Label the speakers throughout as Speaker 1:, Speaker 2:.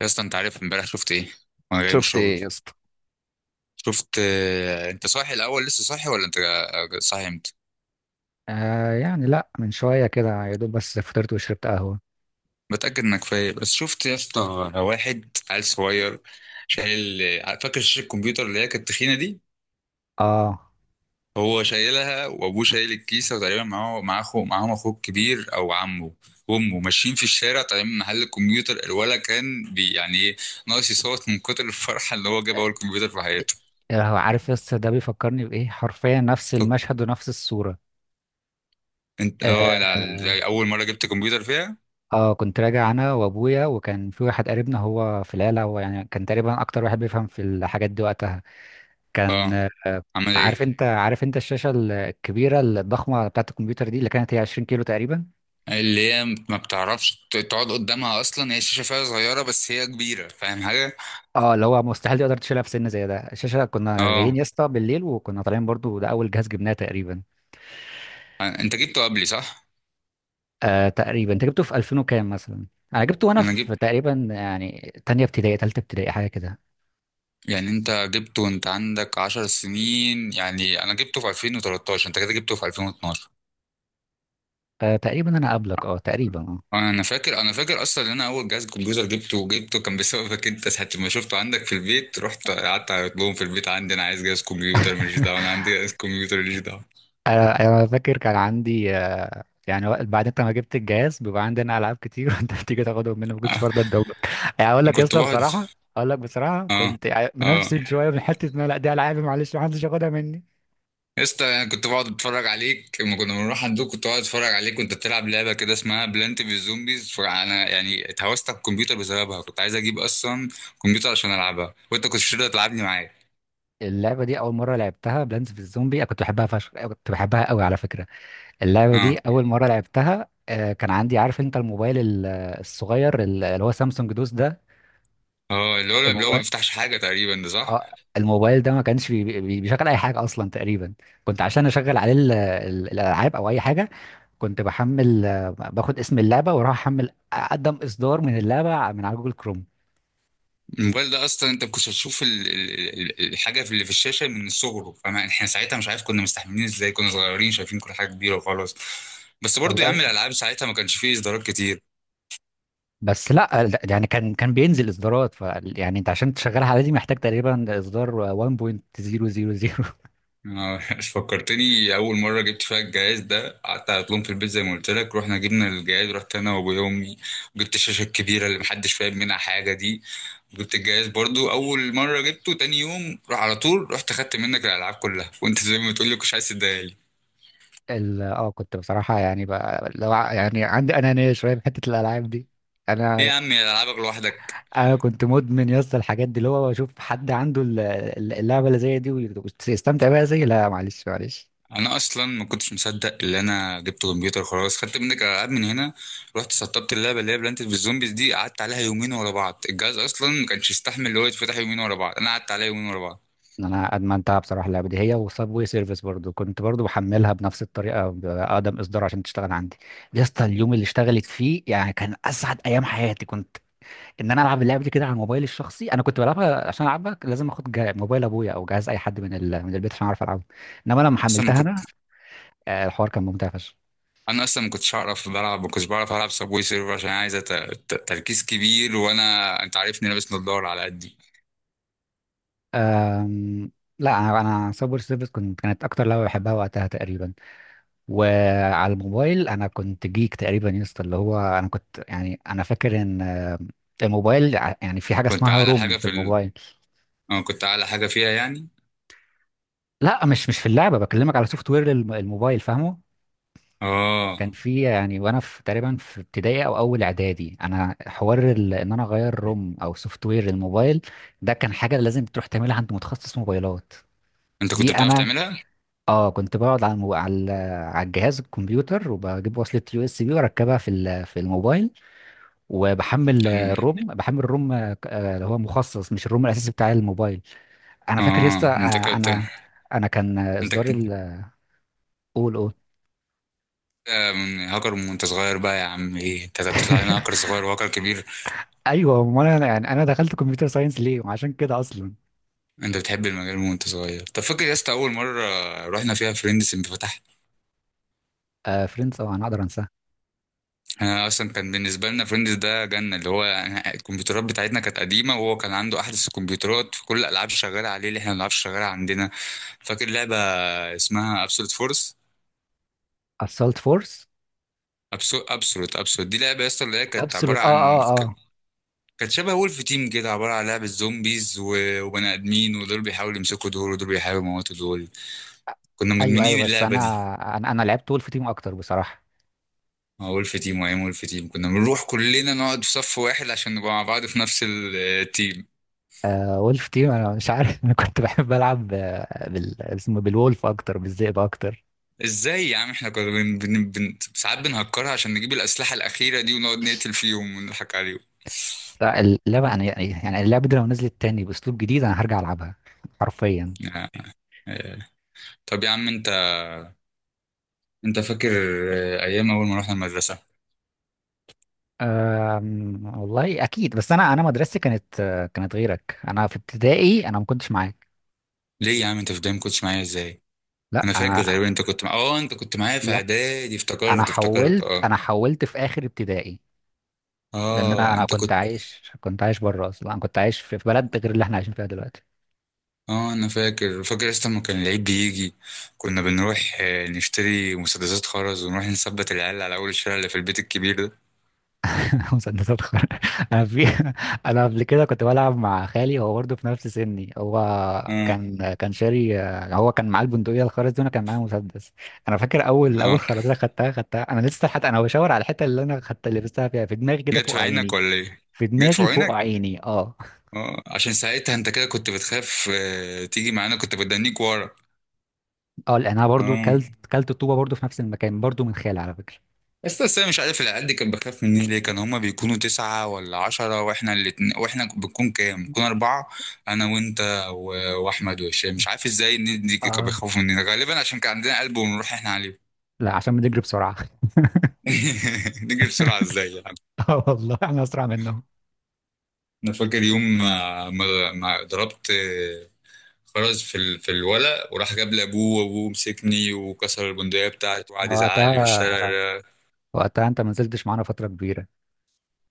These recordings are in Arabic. Speaker 1: يا اسطى، انت عارف امبارح شفت ايه وانا جاي من
Speaker 2: شفت
Speaker 1: الشغل؟
Speaker 2: ايه يا اسطى؟
Speaker 1: شفت انت صاحي الاول؟ لسه صاحي ولا صاحي امتى؟
Speaker 2: آه يعني لا، من شوية كده يا دوب، بس فطرت وشربت قهوة.
Speaker 1: متاكد انك فايق؟ بس شفت يا اسطى، واحد عيل صغير شايل فاكر شاشه الكمبيوتر اللي هي كانت تخينه دي.
Speaker 2: اه،
Speaker 1: هو شايلها وابوه شايل الكيسه وتقريبا معاه اخو، معاهم اخوه الكبير او عمه وامه ماشيين في الشارع طالعين من محل الكمبيوتر، الولا كان بي يعني ايه، ناقص يصوت من كتر الفرحه اللي هو جاب اول كمبيوتر في حياته.
Speaker 2: آه، هو عارف يا اسطى ده بيفكرني بإيه؟ حرفيا نفس
Speaker 1: طب
Speaker 2: المشهد ونفس الصورة.
Speaker 1: انت
Speaker 2: آه.
Speaker 1: لا، اول مره جبت كمبيوتر فيها؟
Speaker 2: اه، كنت راجع انا وابويا، وكان في واحد قريبنا هو في العيلة، هو يعني كان تقريبا اكتر واحد بيفهم في الحاجات دي وقتها. كان
Speaker 1: اه، عامل
Speaker 2: عارف
Speaker 1: ايه؟
Speaker 2: انت؟ عارف انت الشاشة الكبيرة الضخمة بتاعة الكمبيوتر دي اللي كانت هي 20 كيلو تقريبا؟
Speaker 1: اللي هي ما بتعرفش تقعد قدامها اصلا، هي شاشه فيها صغيره بس هي كبيره، فاهم حاجه؟
Speaker 2: اه اللي هو مستحيل تقدر تشيلها في سن زي ده. الشاشه كنا جايين
Speaker 1: اه،
Speaker 2: يا اسطى بالليل، وكنا طالعين برضو. ده اول جهاز جبناه تقريبا.
Speaker 1: انت جبته قبلي صح؟
Speaker 2: آه تقريبا انت جبته في 2000 وكام مثلا؟ انا جبته وانا
Speaker 1: انا جبت.
Speaker 2: في تقريبا يعني تانية ابتدائي، تالتة ابتدائي، حاجه كده.
Speaker 1: يعني انت جبته وانت عندك 10 سنين، يعني انا جبته في 2013، انت كده جبته في 2012.
Speaker 2: آه تقريبا انا قبلك، اه تقريبا اه.
Speaker 1: انا فاكر اصلا ان انا اول جهاز كمبيوتر جبته كان بسببك، انت ساعه ما شفته عندك في البيت رحت قعدت اقول لهم في البيت عندي انا عايز جهاز كمبيوتر ماليش دعوه، انا عندي جهاز كمبيوتر ماليش دعوه.
Speaker 2: أنا فاكر كان عندي يعني بعد انت ما جبت الجهاز بيبقى عندنا العاب كتير. وانت بتيجي تاخدهم مني، ما كنتش
Speaker 1: آه،
Speaker 2: برضه ادولك. يعني اقول لك يا
Speaker 1: كنت
Speaker 2: اسطى
Speaker 1: بقعد
Speaker 2: بصراحه، اقول لك بصراحه،
Speaker 1: اه
Speaker 2: كنت
Speaker 1: اه
Speaker 2: منفسد شويه من حته ان أنا لا، دي العابي، معلش، ما حدش ياخدها مني.
Speaker 1: يا اسطى، انا كنت بقعد اتفرج عليك لما كنا بنروح عندك، كنت بقعد اتفرج عليك وانت بتلعب لعبه كده اسمها بلانت في الزومبيز، فانا يعني اتهوست على الكمبيوتر بسببها، كنت عايز اجيب اصلا كمبيوتر عشان العبها وانت كنت شده تلعبني معاك.
Speaker 2: اللعبه دي اول مره لعبتها، بلانس في الزومبي، انا كنت بحبها فشخ، أنا كنت بحبها قوي على فكره. اللعبه
Speaker 1: اه،
Speaker 2: دي اول مره لعبتها كان عندي، عارف انت، الموبايل الصغير، اللي هو سامسونج دوس ده.
Speaker 1: اه، اللي هو ما
Speaker 2: الموبايل،
Speaker 1: بيفتحش حاجه تقريبا، ده صح؟
Speaker 2: اه، الموبايل ده ما كانش بيشغل اي حاجه اصلا تقريبا. كنت عشان اشغل عليه الالعاب او اي حاجه، كنت بحمل باخد اسم اللعبه واروح احمل اقدم اصدار من اللعبه من على جوجل كروم.
Speaker 1: الموبايل ده اصلا انت كنت هتشوف الحاجه اللي في الشاشه من صغره، فاحنا ساعتها مش عارف كنا مستحملين ازاي، كنا صغيرين شايفين كل حاجه كبيره وخلاص. بس برضو يا
Speaker 2: والله،
Speaker 1: عم الالعاب ساعتها ما كانش فيه اصدارات كتير.
Speaker 2: بس لا لا، يعني كان كان بينزل اصدارات، ف يعني انت عشان تشغلها على دي محتاج تقريبا اصدار 1.000.
Speaker 1: انا فكرتني اول مره جبت فيها الجهاز ده، قعدت على طول في البيت زي ما قلت لك، رحنا جبنا الجهاز، رحت انا وابويا وامي وجبت الشاشه الكبيره اللي محدش فاهم منها حاجه دي وجبت الجهاز برضو اول مره جبته، تاني يوم راح على طول رحت خدت منك الالعاب كلها وانت زي ما بتقول لي كنتش عايز تديها لي.
Speaker 2: اه، كنت بصراحه يعني بقى يعني عندي انانيه شويه في حته الالعاب دي.
Speaker 1: ايه
Speaker 2: انا
Speaker 1: يا عم، يا العابك لوحدك؟
Speaker 2: انا كنت مدمن يا اسطى الحاجات دي، اللي هو اشوف حد عنده اللعبه اللي زي دي ويستمتع بيها زي، لا معلش معلش.
Speaker 1: انا اصلا ما كنتش مصدق اللي انا جبت كمبيوتر خلاص، خدت منك الالعاب من هنا، رحت سطبت اللعبه اللي هي بلانت في الزومبيز دي، قعدت عليها يومين ورا بعض، الجهاز اصلا ما كانش يستحمل اللي هو يتفتح يومين ورا بعض، انا قعدت عليها يومين ورا بعض.
Speaker 2: انا ادمنتها بصراحه اللعبه دي، هي وصابوي سيرفيس برضو، كنت برضو بحملها بنفس الطريقه باقدم اصدار عشان تشتغل عندي. يا اسطى اليوم اللي اشتغلت فيه يعني كان اسعد ايام حياتي، كنت ان انا العب اللعبه دي كده على الموبايل الشخصي. انا كنت بلعبها عشان العبها لازم اخد موبايل ابويا او جهاز اي حد من ال... من البيت عشان اعرف العبها، انما لما
Speaker 1: اصلا ما
Speaker 2: حملتها
Speaker 1: كنت
Speaker 2: انا الحوار كان ممتع فشخ.
Speaker 1: انا اصلا ما كنتش هعرف بلعب، ما كنتش بعرف العب سبوي سيرفر عشان عايزه تركيز كبير، انت عارفني لابس نضاره على قدي.
Speaker 2: أم، لا انا سايبر سيرفيس كنت، كانت اكتر لعبه بحبها وقتها تقريبا. وعلى الموبايل انا كنت جيك تقريبا يا اسطى، اللي هو انا كنت يعني انا فاكر ان الموبايل يعني في حاجه
Speaker 1: كنت
Speaker 2: اسمها
Speaker 1: اعلى
Speaker 2: روم
Speaker 1: حاجه
Speaker 2: في
Speaker 1: في ال...
Speaker 2: الموبايل.
Speaker 1: اه كنت اعلى حاجه فيها، يعني.
Speaker 2: لا، مش في اللعبه، بكلمك على سوفت وير الموبايل، فاهمه؟ كان
Speaker 1: اه،
Speaker 2: في يعني وانا في تقريبا في ابتدائي او اول اعدادي انا حوار ان انا اغير روم او سوفت وير الموبايل. ده كان حاجه لازم تروح تعملها عند متخصص موبايلات.
Speaker 1: انت كنت
Speaker 2: دي
Speaker 1: بتعرف
Speaker 2: انا،
Speaker 1: تعملها؟
Speaker 2: اه كنت بقعد على المو... على على الجهاز الكمبيوتر، وبجيب وصله يو اس بي واركبها في ال... في الموبايل، وبحمل
Speaker 1: لأن-
Speaker 2: الروم، بحمل الروم اللي هو مخصص مش الروم الاساسي بتاع الموبايل. انا فاكر يا اسطى
Speaker 1: اه انت كنت
Speaker 2: انا، انا كان
Speaker 1: انت
Speaker 2: اصدار
Speaker 1: ك-
Speaker 2: ال، قول قول.
Speaker 1: آه، من هاكر من وانت صغير بقى يا عم، ايه انت بتطلع لنا هاكر صغير وهاكر كبير؟
Speaker 2: ايوه، ما انا يعني انا دخلت كمبيوتر ساينس ليه وعشان كده اصلا.
Speaker 1: انت بتحب المجال من وانت صغير. طب فاكر يا اسطى اول مره رحنا فيها فريندز انت فتحت؟
Speaker 2: آه فريندز، طبعا اقدر انساها.
Speaker 1: انا اصلا كان بالنسبه لنا فريندز ده جنه، اللي هو الكمبيوترات بتاعتنا كانت قديمه وهو كان عنده احدث الكمبيوترات فكل الالعاب شغاله عليه اللي احنا ما بنلعبش شغاله عندنا. فاكر لعبه اسمها ابسولوت فورس؟
Speaker 2: اسالت فورس،
Speaker 1: ابسولوت دي لعبه اصلا، اللي هي
Speaker 2: ابسولوت اه اه اه.
Speaker 1: كانت شبه وولف تيم كده، عباره عن لعبه زومبيز وبني ادمين، ودول بيحاولوا يمسكوا دول ودول بيحاولوا يموتوا دول، كنا
Speaker 2: ايوه ايوه،
Speaker 1: مدمنين
Speaker 2: بس
Speaker 1: اللعبه
Speaker 2: انا
Speaker 1: دي.
Speaker 2: أنا لعبت وولف تيم اكتر بصراحه.
Speaker 1: وولف تيم، وايام وولف تيم كنا بنروح كلنا نقعد في صف واحد عشان نبقى مع بعض في نفس التيم.
Speaker 2: آه وولف تيم، انا مش عارف انا كنت بحب العب بال، اسمه بالولف اكتر، بالذئب اكتر.
Speaker 1: ازاي يا عم احنا كنا ساعات بنهكرها عشان نجيب الأسلحة الأخيرة دي ونقعد نقتل فيهم ونضحك عليهم.
Speaker 2: لا، اللعبه انا يعني، يعني اللعبه دي لو نزلت تاني باسلوب جديد انا هرجع العبها حرفيا.
Speaker 1: آه. آه. طب يا عم انت فاكر ايام اول ما رحنا المدرسة؟
Speaker 2: أم، والله اكيد، بس انا مدرستي كانت كانت غيرك، انا في ابتدائي انا ما كنتش معاك.
Speaker 1: ليه يا عم انت في البداية ما كنتش معايا ازاي؟
Speaker 2: لا
Speaker 1: انا فاكر
Speaker 2: انا،
Speaker 1: تقريبا انت كنت معايا في
Speaker 2: لا
Speaker 1: اعدادي،
Speaker 2: انا
Speaker 1: افتكرت،
Speaker 2: حولت،
Speaker 1: اه.
Speaker 2: انا حولت في اخر ابتدائي. لان انا
Speaker 1: اه،
Speaker 2: انا
Speaker 1: انت
Speaker 2: كنت
Speaker 1: كنت
Speaker 2: عايش، كنت عايش بره اصلا، انا كنت عايش في في بلد غير اللي احنا عايشين فيها دلوقتي.
Speaker 1: اه انا فاكر اصلا لما كان العيد بيجي كنا بنروح نشتري مسدسات خرز ونروح نثبت العيال على اول الشارع اللي في البيت الكبير ده.
Speaker 2: مسدسات خرا. انا في، انا قبل كده كنت بلعب مع خالي، هو برضه في نفس سني، هو
Speaker 1: اه،
Speaker 2: كان كان شاري. هو كان معاه البندقيه الخرز دي وانا كان معايا مسدس. انا فاكر اول، اول
Speaker 1: اه،
Speaker 2: خرزه خدتها انا لسه، حتى انا بشاور على الحته اللي انا خدت، اللي لبستها فيها في دماغي كده
Speaker 1: جت
Speaker 2: فوق
Speaker 1: في عينك
Speaker 2: عيني.
Speaker 1: ولا ايه؟
Speaker 2: في
Speaker 1: جت في
Speaker 2: دماغي فوق
Speaker 1: عينك؟
Speaker 2: عيني اه.
Speaker 1: اه، عشان ساعتها انت كده كنت بتخاف تيجي معانا، كنت بدنيك ورا.
Speaker 2: اه لان انا برضه كلت
Speaker 1: اه،
Speaker 2: كلت الطوبه برضه في نفس المكان برضه من خالي على فكره.
Speaker 1: بس انا مش عارف العيال دي كانت بخاف مني ليه، كان هما بيكونوا 9 ولا 10 واحنا الاتنين، واحنا بنكون كام؟ بنكون أربعة، أنا وأنت وأحمد وهشام، مش عارف ازاي الناس دي كانوا
Speaker 2: اه،
Speaker 1: بيخافوا مننا، غالبا عشان كان عندنا قلب ونروح احنا عليه.
Speaker 2: لا عشان بنجري بسرعه.
Speaker 1: نجري بسرعة ازاي يعني؟
Speaker 2: اه والله احنا اسرع منهم.
Speaker 1: أنا فاكر يوم ما ضربت خرز في الولق وراح جاب لابوه، وابوه مسكني وكسر البندقية بتاعتي وقعد يزعق لي في
Speaker 2: وقتها،
Speaker 1: الشارع.
Speaker 2: وقتها انت ما نزلتش معانا فترة كبيرة.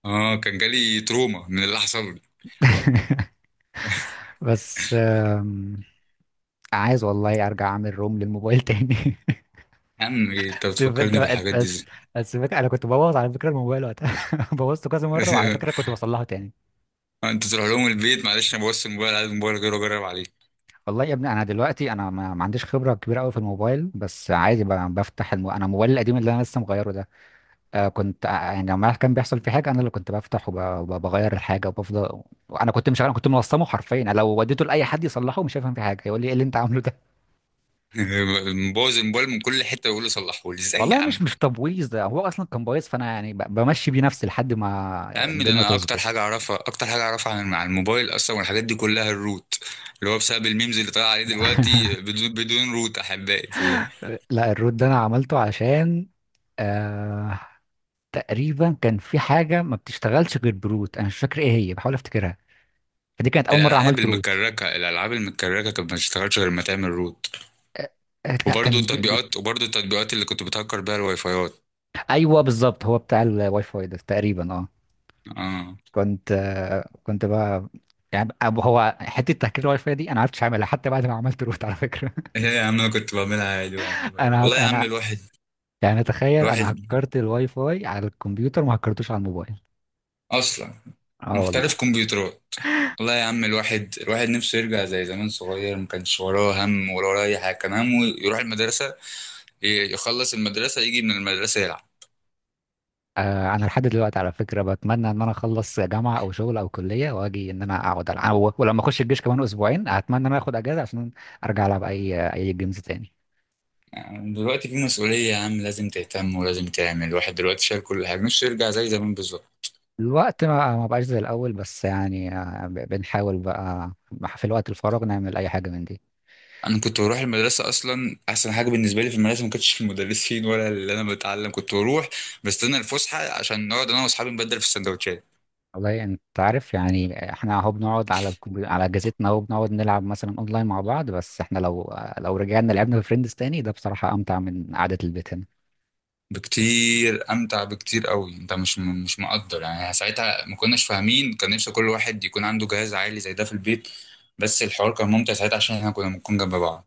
Speaker 1: اه، كان جالي تروما من اللي حصل لي.
Speaker 2: بس آم، عايز والله ارجع اعمل روم للموبايل تاني.
Speaker 1: يا عم إيه انت
Speaker 2: سيب انت
Speaker 1: بتفكرني
Speaker 2: بقى، أنت
Speaker 1: بالحاجات دي
Speaker 2: بس،
Speaker 1: ازاي؟
Speaker 2: بس انا كنت ببوظ على فكرة الموبايل وقتها. بوظته كذا مرة، وعلى فكرة كنت بصلحه تاني.
Speaker 1: انت تروح لهم البيت، معلش انا بوظت الموبايل عايز الموبايل غيره اجرب عليه.
Speaker 2: والله يا ابني انا دلوقتي انا ما عنديش خبرة كبيرة قوي في الموبايل، بس عادي، بفتح الم... انا موبايلي القديم اللي انا لسه مغيره ده، كنت يعني لما كان بيحصل في حاجه انا اللي كنت بفتح وبغير الحاجه وبفضل. وانا كنت مش، انا كنت منظمه حرفيا. أنا لو وديته لاي حد يصلحه مش هيفهم في حاجه، يقول لي ايه اللي انت عامله ده.
Speaker 1: مبوظ الموبايل من كل حته يقول لي صلحه لي ازاي يا
Speaker 2: والله مش
Speaker 1: عم؟
Speaker 2: مش تبويظ، ده هو اصلا كان بايظ، فانا يعني بمشي بيه نفسي لحد
Speaker 1: يا
Speaker 2: ما
Speaker 1: عم ده
Speaker 2: الدنيا
Speaker 1: انا اكتر حاجه
Speaker 2: تظبط.
Speaker 1: اعرفها، اكتر حاجه اعرفها عن الموبايل اصلا والحاجات دي كلها الروت، اللي هو بسبب الميمز اللي طالع عليه دلوقتي: بدون روت احبائي في
Speaker 2: لا الروت ده انا عملته عشان آه تقريبا كان في حاجه ما بتشتغلش غير بروت، انا مش فاكر ايه هي، بحاول افتكرها. فدي كانت اول مره
Speaker 1: الالعاب
Speaker 2: عملت روت.
Speaker 1: المكركه الالعاب المكركه كانت ما تشتغلش غير ما تعمل روت،
Speaker 2: آه، آه، لا،
Speaker 1: وبرضه
Speaker 2: كان بي... بي...
Speaker 1: التطبيقات وبرضه التطبيقات اللي كنت بتهكر بيها الواي فايات.
Speaker 2: ايوه بالظبط، هو بتاع الواي فاي ده تقريبا اه.
Speaker 1: اه،
Speaker 2: كنت كنت بقى يعني، هو حته تهكير الواي فاي دي انا ما عرفتش اعملها حتى بعد ما عملت روت على فكره.
Speaker 1: ايه يا عم انا كنت بعملها عادي، والله والله يا عم،
Speaker 2: انا
Speaker 1: الواحد
Speaker 2: يعني تخيل
Speaker 1: الواحد
Speaker 2: انا هكرت الواي فاي على الكمبيوتر ما هكرتوش على الموبايل.
Speaker 1: اصلا
Speaker 2: اه والله.
Speaker 1: محترف كمبيوترات. والله يا عم الواحد نفسه يرجع زي زمان، صغير ما كانش وراه هم ولا وراه اي حاجه، كان همه يروح المدرسه، يخلص المدرسه يجي من المدرسه يلعب.
Speaker 2: آه انا لحد دلوقتي على فكره بتمنى ان انا اخلص جامعه او شغل او كليه واجي ان انا اقعد العب ولما اخش الجيش كمان اسبوعين اتمنى ان انا اخد اجازه عشان ارجع العب اي جيمز تاني.
Speaker 1: يعني دلوقتي في مسؤوليه يا عم، لازم تهتم ولازم تعمل، الواحد دلوقتي شايل كل حاجه، نفسه يرجع زي زمان بالظبط.
Speaker 2: الوقت ما بقاش زي الاول، بس يعني بنحاول بقى في الوقت الفراغ نعمل اي حاجه من دي.
Speaker 1: انا كنت بروح المدرسه، اصلا احسن حاجه بالنسبه لي في المدرسه ما كانتش المدرسين ولا اللي انا بتعلم، كنت بروح بستنى الفسحه عشان نقعد انا واصحابي نبدل في السندوتشات.
Speaker 2: والله يعني انت عارف، يعني احنا اهو بنقعد على على اجهزتنا اهو، بنقعد نلعب مثلا اونلاين مع بعض، بس احنا لو، لو رجعنا لعبنا في فريندز تاني ده بصراحة امتع من قعدة البيت هنا.
Speaker 1: بكتير امتع، بكتير قوي، انت مش مقدر يعني ساعتها ما كناش فاهمين، كان نفسي كل واحد يكون عنده جهاز عالي زي ده في البيت، بس الحوار كان ممتع ساعتها عشان احنا كنا بنكون جنب بعض.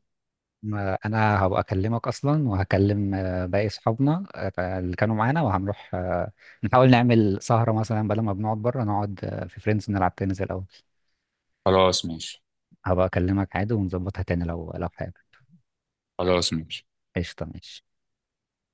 Speaker 2: انا هبقى اكلمك اصلا وهكلم باقي اصحابنا اللي كانوا معانا وهنروح نحاول نعمل سهرة مثلا، بدل ما بنقعد بره نقعد في فريندز نلعب تاني زي الاول.
Speaker 1: خلاص ماشي.
Speaker 2: هبقى اكلمك عادي ونظبطها تاني لو، لو حابب.
Speaker 1: خلاص ماشي.
Speaker 2: قشطة، ماشي.